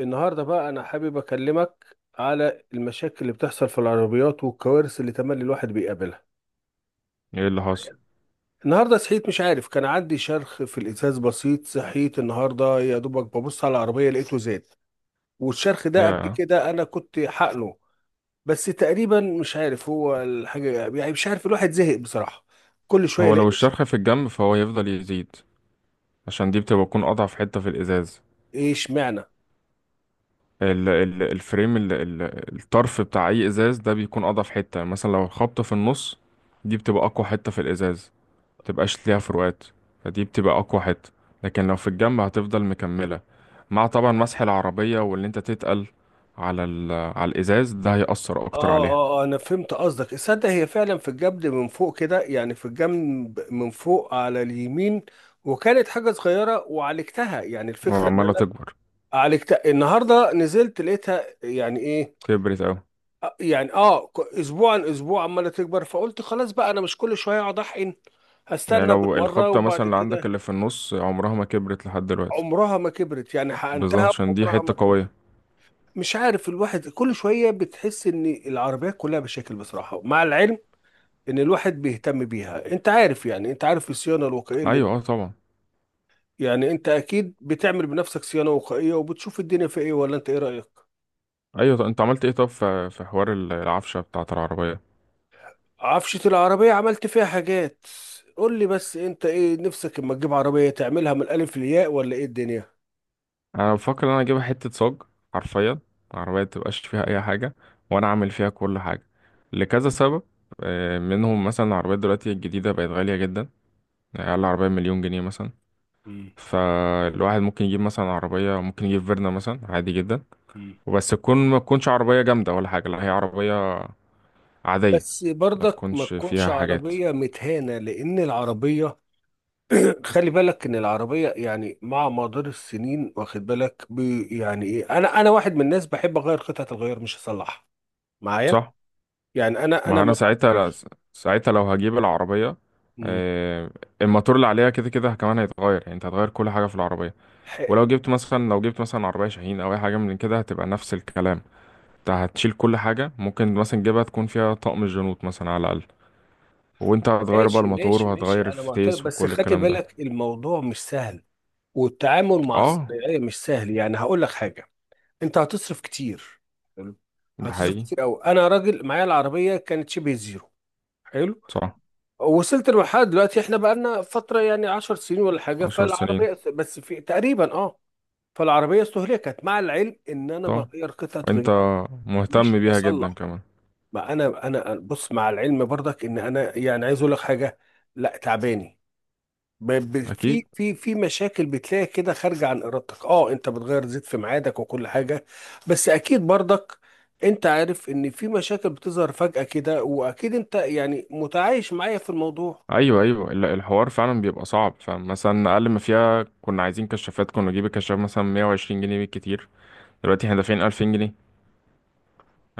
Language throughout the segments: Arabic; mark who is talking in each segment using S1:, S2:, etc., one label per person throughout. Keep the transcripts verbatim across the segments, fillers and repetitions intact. S1: النهاردة بقى أنا حابب أكلمك على المشاكل اللي بتحصل في العربيات والكوارث اللي تملي الواحد بيقابلها.
S2: ايه اللي حصل؟
S1: النهاردة صحيت، مش عارف، كان عندي شرخ في الإزاز بسيط. صحيت النهاردة يا دوبك ببص على العربية لقيته زاد. والشرخ ده قبل
S2: يا،
S1: كده أنا كنت حقنه. بس تقريبا مش عارف هو الحاجة. يعني مش عارف، الواحد زهق بصراحة. كل شوية
S2: هو
S1: يلاقي
S2: لو
S1: مشكلة.
S2: الشرخ في الجنب فهو يفضل يزيد، عشان دي بتبقى تكون اضعف حتة في الازاز.
S1: إيه اشمعنى؟
S2: ال ال الفريم ال ال الطرف بتاع اي ازاز ده بيكون اضعف حتة. يعني مثلا لو الخبطة في النص، دي بتبقى اقوى حتة في الازاز، متبقاش ليها فروقات، فدي بتبقى اقوى حتة. لكن لو في الجنب هتفضل مكملة، مع طبعا مسح العربية، واللي انت تتقل على ال على الازاز ده هيأثر اكتر
S1: اه،
S2: عليها.
S1: اه، آه، انا فهمت قصدك. تصدق هي فعلا في الجبل من فوق كده، يعني في الجنب من فوق على اليمين. وكانت حاجة صغيرة وعالجتها. يعني الفكرة ان
S2: وعمالة
S1: انا
S2: تكبر،
S1: عالجتها، النهاردة نزلت لقيتها يعني ايه.
S2: كبرت اوي.
S1: آه، يعني اه ك- اسبوع عن اسبوع عمالة تكبر، فقلت خلاص بقى انا مش كل شوية اقعد احقن.
S2: يعني
S1: هستنى
S2: لو
S1: بالمرة
S2: الخبطة مثلا
S1: وبعد
S2: اللي عندك
S1: كده.
S2: اللي في النص، عمرها ما كبرت لحد دلوقتي،
S1: عمرها ما كبرت، يعني
S2: بالظبط
S1: حقنتها
S2: عشان دي
S1: عمرها ما
S2: حتة قوية.
S1: كبرت. مش عارف، الواحد كل شوية بتحس ان العربيات كلها بشكل بصراحة، مع العلم ان الواحد بيهتم بيها. انت عارف يعني، انت عارف الصيانه الوقائيه اللي...
S2: أيوة، اه طبعا.
S1: يعني انت اكيد بتعمل بنفسك صيانه وقائيه وبتشوف الدنيا في ايه، ولا انت ايه رايك؟
S2: أيوة، طب أنت عملت ايه؟ طب في في حوار ال- العفشة بتاعة العربية؟
S1: عفشه العربيه عملت فيها حاجات. قول لي بس انت ايه نفسك، اما تجيب عربيه تعملها من الالف للياء ولا ايه الدنيا؟
S2: أنا بفكر إن أنا أجيبها حتة صاج، حرفيا، العربية متبقاش فيها أي حاجة، وأنا أعمل فيها كل حاجة لكذا سبب. آه، منهم مثلا العربيات دلوقتي الجديدة بقت غالية جدا، يعني أقل عربية مليون جنيه مثلا.
S1: مم.
S2: فالواحد ممكن يجيب مثلا عربية، ممكن يجيب فيرنا مثلا عادي جدا،
S1: مم.
S2: وبس تكون، ما تكونش عربية جامدة ولا حاجة، لا هي عربية عادية،
S1: بس
S2: ما
S1: برضك ما
S2: تكونش
S1: تكونش
S2: فيها حاجات.
S1: عربيه متهانه، لان العربيه خلي بالك ان العربيه يعني مع مدار السنين، واخد بالك بي، يعني ايه، انا انا واحد من الناس بحب اغير قطعه الغيار مش اصلحها. معايا.
S2: صح.
S1: يعني انا انا
S2: ما انا
S1: ما
S2: ساعتها لا
S1: بعترفش.
S2: س- ساعتها لو هجيب العربيه،
S1: مم.
S2: آه، الموتور اللي عليها كده كده كمان هيتغير، يعني انت هتغير كل حاجه في العربيه. ولو
S1: حلو.
S2: جبت مثلا، لو جبت مثلا عربيه شاهين او اي حاجه من كده هتبقى نفس الكلام. انت هتشيل كل حاجه، ممكن مثلا تجيبها تكون فيها طقم الجنوط مثلا على الاقل، وانت هتغير بقى
S1: ماشي
S2: الموتور
S1: ماشي ماشي،
S2: وهتغير
S1: انا معترف،
S2: الفتيس
S1: بس
S2: وكل
S1: خلي
S2: الكلام ده.
S1: بالك الموضوع مش سهل. والتعامل مع
S2: اه،
S1: الصناعيه مش سهل. يعني هقول لك حاجه، انت هتصرف كتير. حلو.
S2: ده
S1: هتصرف
S2: حقيقي.
S1: كتير قوي. انا راجل معايا العربيه كانت شبه زيرو. حلو.
S2: صح.
S1: وصلت لمرحله دلوقتي احنا بقالنا فتره، يعني عشر سنين ولا حاجه،
S2: عشر سنين.
S1: فالعربيه بس في تقريبا اه فالعربيه استهلكت، مع العلم ان انا
S2: طب
S1: بغير قطعه
S2: وانت
S1: غيار
S2: مهتم
S1: مش
S2: بيها جدا
S1: بصلح.
S2: كمان.
S1: ما انا انا بص، مع العلم برضك ان انا يعني عايز اقول لك حاجه، لا تعباني. ب- ب-
S2: اكيد.
S1: في في في مشاكل بتلاقي كده خارجه عن ارادتك. اه انت بتغير زيت في ميعادك وكل حاجه، بس اكيد برضك انت عارف ان في مشاكل بتظهر فجاه كده، واكيد انت يعني متعايش معايا في الموضوع.
S2: ايوه ايوه، ال- الحوار فعلا بيبقى صعب. فمثلا اقل ما فيها، كنا عايزين كشافات، كنا نجيب الكشاف مثلا مية وعشرين جنيه بالكتير، دلوقتي احنا دافعين ألفين جنيه.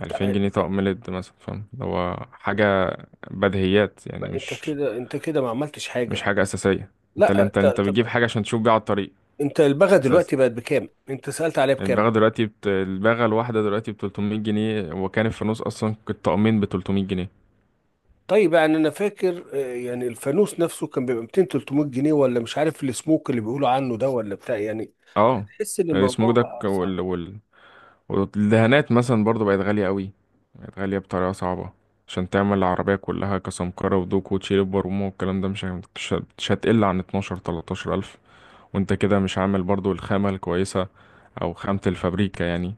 S2: ألفين جنيه
S1: ت-
S2: طقم ليد مثلا. فاهم اللي هو حاجه بديهيات يعني،
S1: انت
S2: مش
S1: كده انت كده ما عملتش
S2: مش
S1: حاجه.
S2: حاجه اساسيه. انت اللي
S1: لا،
S2: انت،
S1: ت-
S2: انت
S1: طب
S2: بتجيب حاجه عشان تشوف بيها على الطريق
S1: انت، البغا
S2: اساسا.
S1: دلوقتي بقت بكام؟ انت سالت عليها
S2: الباغه
S1: بكام؟
S2: دلوقتي بت... الباغه الواحده دلوقتي ب تلتمية جنيه، وكان في النص اصلا الطقمين ب تلتمية جنيه.
S1: طيب، يعني انا فاكر، آه، يعني الفانوس نفسه كان بيبقى ميتين تلتمية جنيه، ولا مش عارف السموك اللي بيقولوا عنه ده ولا بتاع يعني. لا
S2: اه.
S1: تحس ان الموضوع
S2: السموك ده
S1: بقى صعب.
S2: والدهانات مثلا برضو بقت غالية قوي، بقت غالية بطريقة صعبة. عشان تعمل العربية كلها كسمكرة ودوك وتشيل البرومة والكلام ده، مش هي- مش هت- مش هتقل عن اتناشر 13 ألف، وانت كده مش عامل برضو الخامة الكويسة، أو خامة الفابريكا يعني.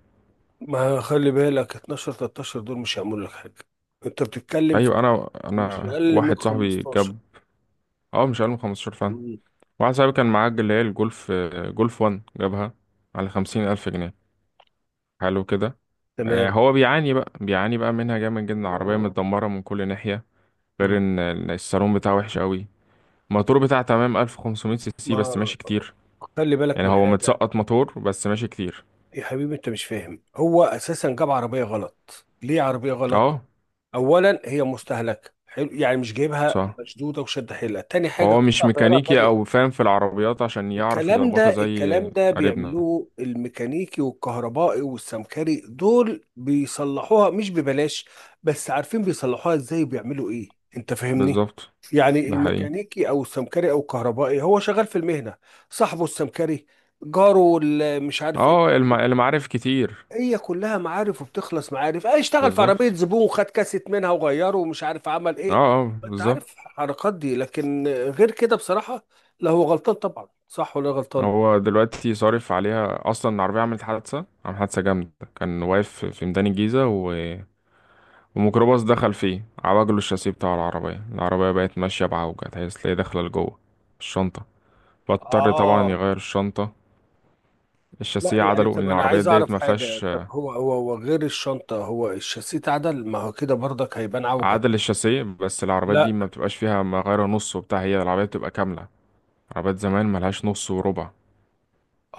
S1: ما خلي بالك اتناشر تلتاشر دول مش هيعملوا لك حاجه. انت بتتكلم في
S2: أيوة، أنا
S1: مش
S2: أنا
S1: اقل من
S2: واحد صاحبي
S1: خمستاشر.
S2: جاب. اه مش أقل من خمسة عشر فعلا.
S1: مم.
S2: واحد صاحبي كان معاه اللي هي الجولف، آه، جولف واحد جابها على 50 ألف جنيه. حلو كده. آه،
S1: تمام.
S2: هو بيعاني بقى، بيعاني بقى منها جامد جدا، العربية متدمرة من كل ناحية. غير
S1: مم.
S2: ان إن الصالون بتاعه وحش قوي. الموتور بتاعه تمام ألف وخمسمائة سي سي،
S1: ما
S2: بس ماشي كتير.
S1: خلي بالك
S2: يعني
S1: من
S2: هو
S1: حاجه.
S2: متسقط موتور، بس ماشي كتير.
S1: يا حبيبي انت مش فاهم، هو اساسا جاب عربيه غلط. ليه عربيه غلط؟
S2: اه
S1: اولا هي مستهلكه، حلو، يعني مش جايبها
S2: صح.
S1: مشدوده وشد حيلها. تاني حاجه
S2: وهو مش
S1: قطع غيارها
S2: ميكانيكي
S1: غاليه.
S2: او فاهم في العربيات عشان يعرف
S1: الكلام
S2: يظبطها
S1: ده
S2: زي
S1: الكلام ده
S2: قريبنا.
S1: بيعملوه الميكانيكي والكهربائي والسمكري، دول بيصلحوها مش ببلاش، بس عارفين بيصلحوها ازاي وبيعملوا ايه، انت فاهمني.
S2: بالظبط.
S1: يعني
S2: ده حقيقي.
S1: الميكانيكي او السمكري او الكهربائي هو شغال في المهنة. صاحبه السمكري، جاره ال- مش عارف ايه،
S2: اه، الم... المعارف كتير.
S1: هي كلها معارف، وبتخلص معارف. اه اشتغل في عربية
S2: بالظبط.
S1: زبون وخد كاسيت منها وغيره ومش عارف عمل
S2: اه
S1: ايه.
S2: اه
S1: انت عارف
S2: بالظبط.
S1: الحركات دي. لكن غير كده بصراحة، لا هو غلطان طبعا. صح ولا غلطان؟
S2: هو دلوقتي صارف عليها اصلا، العربيه عملت حادثه، عملت حادثه جامده، كان واقف في ميدان الجيزه و... وميكروباص دخل فيه، عوجله الشاسيه بتاع العربية، العربية بقت ماشية بعوجة، تحس هي داخلة لجوه الشنطة، فاضطر طبعا
S1: اه.
S2: يغير الشنطة.
S1: لا،
S2: الشاسيه
S1: يعني يعني
S2: عدله، لأن
S1: طب انا
S2: العربيات
S1: عايز
S2: ديت
S1: اعرف
S2: ما
S1: حاجه.
S2: فيهاش،
S1: طب
S2: آه،
S1: هو هو هو غير الشنطه، هو الشاسيه اتعدل، ما هو كده برضك هيبان عوجه.
S2: عدل الشاسيه بس. العربيات دي
S1: لا.
S2: ما بتبقاش فيها مغير نص وبتاع، هي العربية بتبقى كاملة. عربيات زمان ملهاش نص وربع،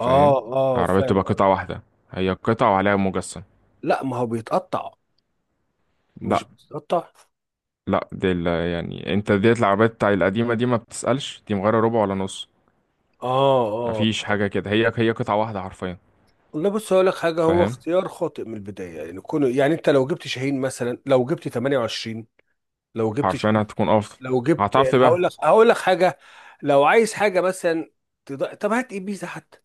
S1: اه، اه،
S2: العربية
S1: فاهم
S2: بتبقى قطعة
S1: قصدك.
S2: واحدة، هي قطعة وعليها مجسم.
S1: لا ما هو بيتقطع. مش
S2: لا
S1: بيتقطع.
S2: لا، دي ال- يعني انت ديت العربيات بتاع القديمة دي ما بتسألش دي مغيرة ربع ولا نص،
S1: اه، اه.
S2: مفيش حاجة كده، هي هي قطعة واحدة حرفيا.
S1: والله بص هقول لك حاجه، هو
S2: فاهم.
S1: اختيار خاطئ من البدايه. يعني كونه، يعني انت لو جبت شاهين مثلا، لو جبت ثمانية وعشرين، لو جبت
S2: حرفيا
S1: شاهين،
S2: هتكون افضل.
S1: لو جبت،
S2: هتعرف
S1: هقول
S2: تبيعها.
S1: لك هقول لك حاجه. لو عايز حاجه مثلا، تض... طب هات ابيزا حتى.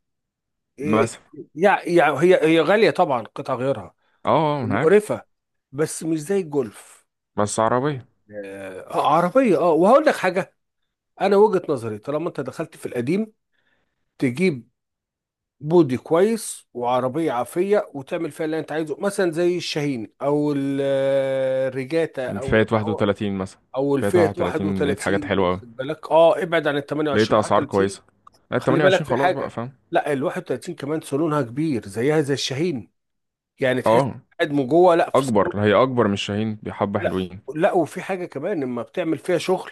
S1: إيه،
S2: مثلا.
S1: يعني يعني هي هي غالية طبعا قطع غيارها
S2: اه. آه، انا عارف.
S1: ومقرفة، بس مش زي الجولف.
S2: بس عربية
S1: آه آه، عربية، اه وهقول لك حاجة. أنا وجهة نظري، طالما أنت دخلت في القديم، تجيب بودي كويس وعربية عافية وتعمل فيها اللي أنت عايزه، مثلا زي الشاهين أو ال- آه، الريجاتا،
S2: فئة
S1: أو أو
S2: واحد وتلاتين مثلا.
S1: أو
S2: فئة
S1: الفئة
S2: واحد وتلاتين لقيت حاجات
S1: واحد وثلاثين،
S2: حلوة أوي،
S1: واخد بالك. اه ابعد عن ال
S2: لقيت
S1: ثمانية وعشرين
S2: أسعار
S1: واحد وثلاثين.
S2: كويسة. لا
S1: خلي بالك
S2: ثمانية وعشرين
S1: في
S2: خلاص بقى،
S1: حاجة،
S2: فاهم.
S1: لا ال واحد وتلاتين كمان صالونها كبير زيها زي الشاهين. يعني
S2: اه.
S1: تحس
S2: آه.
S1: قاعد من جوه لا، في صالون.
S2: أكبر، هي أكبر من الشاهين بحبة
S1: لا،
S2: حلوين.
S1: لا، وفي حاجه كمان لما بتعمل فيها شغل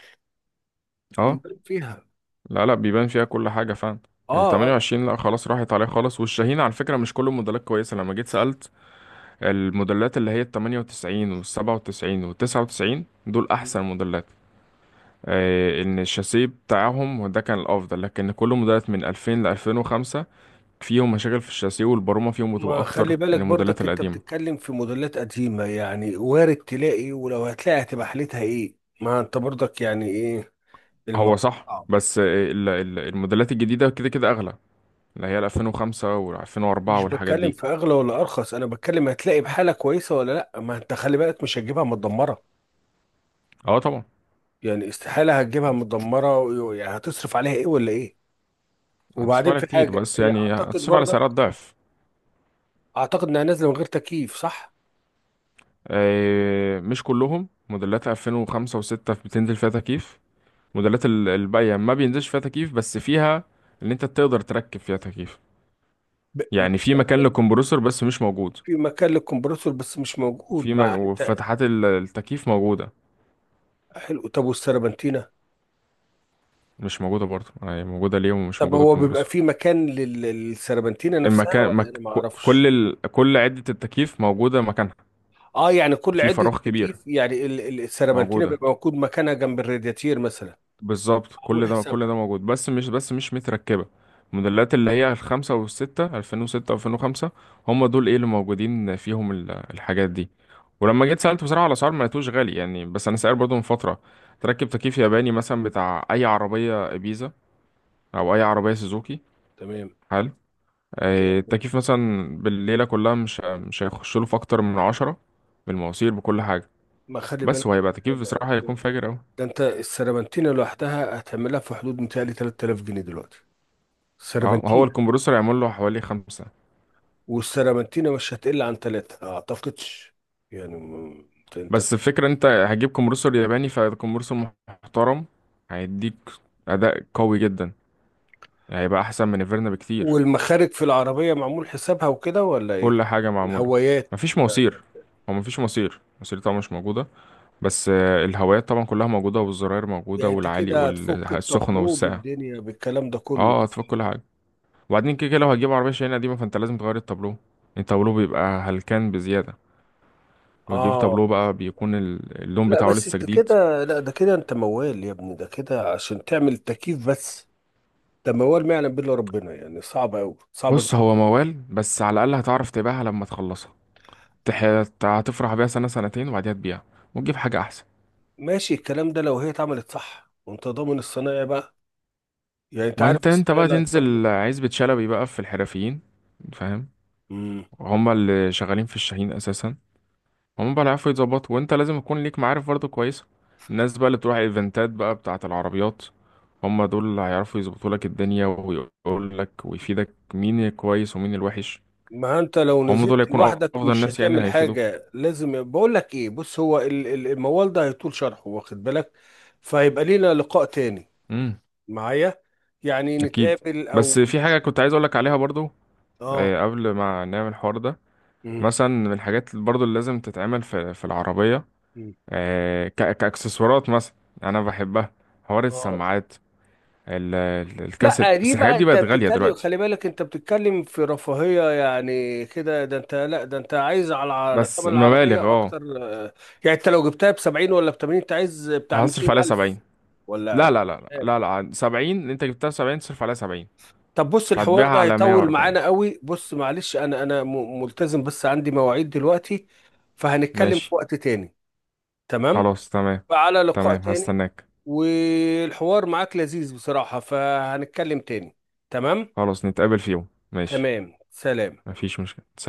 S2: اه.
S1: بيبان فيها.
S2: لا لا، بيبان فيها كل حاجة، فاهم. ال
S1: اه، اه.
S2: ثمانية وعشرين لا، خلاص راحت عليه خالص. والشاهين على فكرة مش كل الموديلات كويسة، لما جيت سألت، الموديلات اللي هي ال تمنية وتسعين وال سبعة وتسعين وال تسعة وتسعين، دول أحسن موديلات. آه، ان الشاسيه بتاعهم ده كان الافضل، لكن كل موديلات من ألفين ل ألفين وخمسة فيهم مشاكل في الشاسيه والبرومه، فيهم بتبقى
S1: ما
S2: اكتر
S1: خلي
S2: من
S1: بالك
S2: الموديلات
S1: برضك انت
S2: القديمه.
S1: بتتكلم في موديلات قديمه. يعني وارد تلاقي، ولو هتلاقي هتبقى حالتها ايه؟ ما انت برضك يعني ايه،
S2: هو
S1: الموضوع
S2: صح،
S1: صعب.
S2: بس آه، ال- ال- الموديلات الجديده كده كده اغلى، اللي هي ال ألفين وخمسة وال ألفين واربعة
S1: مش
S2: والحاجات
S1: بتكلم
S2: دي.
S1: في اغلى ولا ارخص، انا بتكلم هتلاقي بحاله كويسه ولا لا. ما انت خلي بالك مش هتجيبها متدمره.
S2: اه طبعا.
S1: يعني استحاله هتجيبها متدمره، ويعني هتصرف عليها ايه ولا ايه؟
S2: هتصرف
S1: وبعدين
S2: على
S1: في
S2: كتير
S1: حاجه
S2: بس،
S1: يعني
S2: يعني
S1: اعتقد
S2: هتصرف على سعرات
S1: برضك،
S2: ضعف.
S1: اعتقد انها نازله من غير تكييف، صح؟
S2: آه، مش كلهم موديلات ألفين وخمسة و6 بتنزل فيها تكييف. موديلات ال- الباقيه ما بينزلش فيها تكييف، بس فيها ان انت تقدر تركب فيها تكييف.
S1: ب... م-
S2: يعني في مكان
S1: حلو.
S2: للكمبروسر بس مش موجود.
S1: في مكان للكمبرسور بس مش
S2: وفي
S1: موجود
S2: مج...
S1: مع ت-
S2: وفتحات ال- التكييف موجودة.
S1: حلو، طب والسربنتينه؟
S2: مش موجودة برضه، يعني موجودة ليه، ومش
S1: طب
S2: موجودة
S1: هو بيبقى
S2: الكمبروسر.
S1: في مكان لل- للسربنتينه نفسها
S2: المكان
S1: ولا انا
S2: مك...
S1: ما
S2: ك-
S1: اعرفش؟
S2: كل ال... كل عدة التكييف موجودة مكانها،
S1: اه يعني كل
S2: في
S1: عده
S2: فراغ كبير،
S1: تكييف، يعني ال- ال- السربنتينه
S2: موجودة،
S1: بيبقى موجود مكانها جنب الرادياتير مثلا.
S2: بالظبط. كل
S1: معمول
S2: ده كل ده
S1: حسابها.
S2: موجود، بس مش بس مش متركبة. الموديلات اللي هي الخمسة والستة ألفين، وستة وألفين وخمسة، هم دول ايه اللي موجودين فيهم ال- الحاجات دي. ولما جيت سألت بصراحة على أسعار ما لقيتوش غالي يعني، بس أنا سائل برضه من فترة. تركب تكييف ياباني مثلا بتاع أي عربية إبيزا، أو أي عربية سوزوكي.
S1: تمام.
S2: حلو. آه،
S1: جامد.
S2: التكييف مثلا بالليلة كلها مش مش هيخش له في أكتر من عشرة، بالمواسير بكل حاجة.
S1: ما خلي بالك
S2: بس هو
S1: من
S2: هيبقى تكييف
S1: حاجة،
S2: بصراحة،
S1: خلي
S2: هيكون
S1: بالك.
S2: فاجر أوي.
S1: ده انت السربنتينه لوحدها هتعملها في حدود متهيألي ثلاثة آلاف جنيه دلوقتي،
S2: اه، هو
S1: السربنتينه.
S2: الكمبرسور هيعمل له حوالي خمسة.
S1: والسيرامنتينا مش هتقل عن ثلاثة أعتقدش. يعني م- أنت أنت.
S2: بس الفكرة انت هتجيب كومبرسور ياباني، فكومبرسور محترم هيديك اداء قوي جدا، يعني هيبقى احسن من الفيرنا بكتير.
S1: والمخارج في العربية معمول حسابها وكده ولا إيه؟
S2: كل حاجة معمولة.
S1: الهوايات
S2: مفيش
S1: بتاعت...
S2: مواسير. هو مفيش مواسير، المواسير طبعا مش موجودة، بس آه، الهوايات طبعا كلها موجودة، والزراير موجودة
S1: يعني أنت
S2: والعالي
S1: كده هتفك
S2: والسخنة
S1: التابلو
S2: والساقعة.
S1: بالدنيا بالكلام ده كله.
S2: اه، هتفك كل حاجة. وبعدين كده كده لو هتجيب عربية شاحنة قديمة فانت لازم تغير التابلو، التابلو بيبقى هلكان بزيادة، لو جيب
S1: آه.
S2: تابلو بقى بيكون ال- اللون
S1: لا
S2: بتاعه
S1: بس
S2: لسه
S1: أنت
S2: جديد.
S1: كده، لا ده كده أنت موال يا ابني. ده كده عشان تعمل تكييف بس، ده موال ما يعلم بالله ربنا. يعني صعب أوي، صعبة
S2: بص
S1: جدا.
S2: هو موال، بس على الأقل هتعرف تبيعها لما تخلصها. تح... هتفرح بيها سنة سنتين وبعديها تبيعها وتجيب حاجة أحسن.
S1: ماشي الكلام ده لو هي اتعملت صح، وأنت ضامن الصنايعي بقى. يعني أنت
S2: ما
S1: عارف
S2: انت، انت
S1: الصنايعي
S2: بقى
S1: اللي هتروح له.
S2: تنزل عزبة شلبي بقى في الحرفيين، فاهم.
S1: مم.
S2: هما اللي شغالين في الشاهين أساسا، هما بقى اللي عارفوا يتظبطوا. وانت لازم يكون ليك معارف برضه كويسة، الناس بقى اللي بتروح ايفنتات بقى بتاعة العربيات، هما دول اللي هيعرفوا يظبطوا لك الدنيا، ويقول لك ويفيدك مين الكويس ومين الوحش.
S1: ما انت لو
S2: هما دول
S1: نزلت
S2: هيكونوا
S1: لوحدك
S2: أفضل
S1: مش
S2: ناس، يعني
S1: هتعمل
S2: هيفيدوك.
S1: حاجة. لازم، بقول لك ايه، بص، هو ال- ال- الموال ده هيطول شرحه، واخد بالك. فهيبقى لينا لقاء تاني
S2: امم
S1: معايا. يعني
S2: أكيد.
S1: نتقابل
S2: بس
S1: او...
S2: في حاجة كنت عايز أقولك عليها برضو،
S1: اه.
S2: آه، قبل ما نعمل الحوار ده،
S1: مم.
S2: مثلا من الحاجات برضو اللي لازم تتعمل في في العربية،
S1: مم.
S2: آه، ك- كأكسسوارات مثلا، أنا بحبها، حوار
S1: اه.
S2: السماعات، ال- ال- الكاسيت.
S1: لا
S2: بس
S1: دي
S2: الحاجات
S1: بقى،
S2: دي
S1: انت
S2: بقت غالية
S1: بتتكلم،
S2: دلوقتي.
S1: خلي بالك انت بتتكلم في رفاهية. يعني كده ده انت، لا ده انت عايز على على ثمن
S2: بس مبالغ.
S1: العربية
S2: اه
S1: اكتر، آه، يعني انت لو جبتها ب سبعين ولا ب تمانين، انت عايز بتاع
S2: هصرف
S1: ميتين
S2: عليها
S1: الف
S2: سبعين. لا
S1: ولا؟
S2: لا لا لا لا لا سبعين انت جبتها، سبعين تصرف عليها. سبعين
S1: طب بص الحوار
S2: فهتبيعها
S1: ده
S2: على مية
S1: هيطول
S2: وأربعين
S1: معانا قوي. بص معلش انا انا م- ملتزم، بس عندي مواعيد دلوقتي. فهنتكلم في
S2: ماشي.
S1: وقت تاني. تمام.
S2: خلاص تمام.
S1: فعلى لقاء
S2: تمام،
S1: تاني.
S2: هستناك.
S1: والحوار معاك لذيذ بصراحة، فهنتكلم تاني. تمام.
S2: خلاص نتقابل في يوم، ماشي.
S1: تمام، سلام.
S2: مفيش مشكلة، سلام.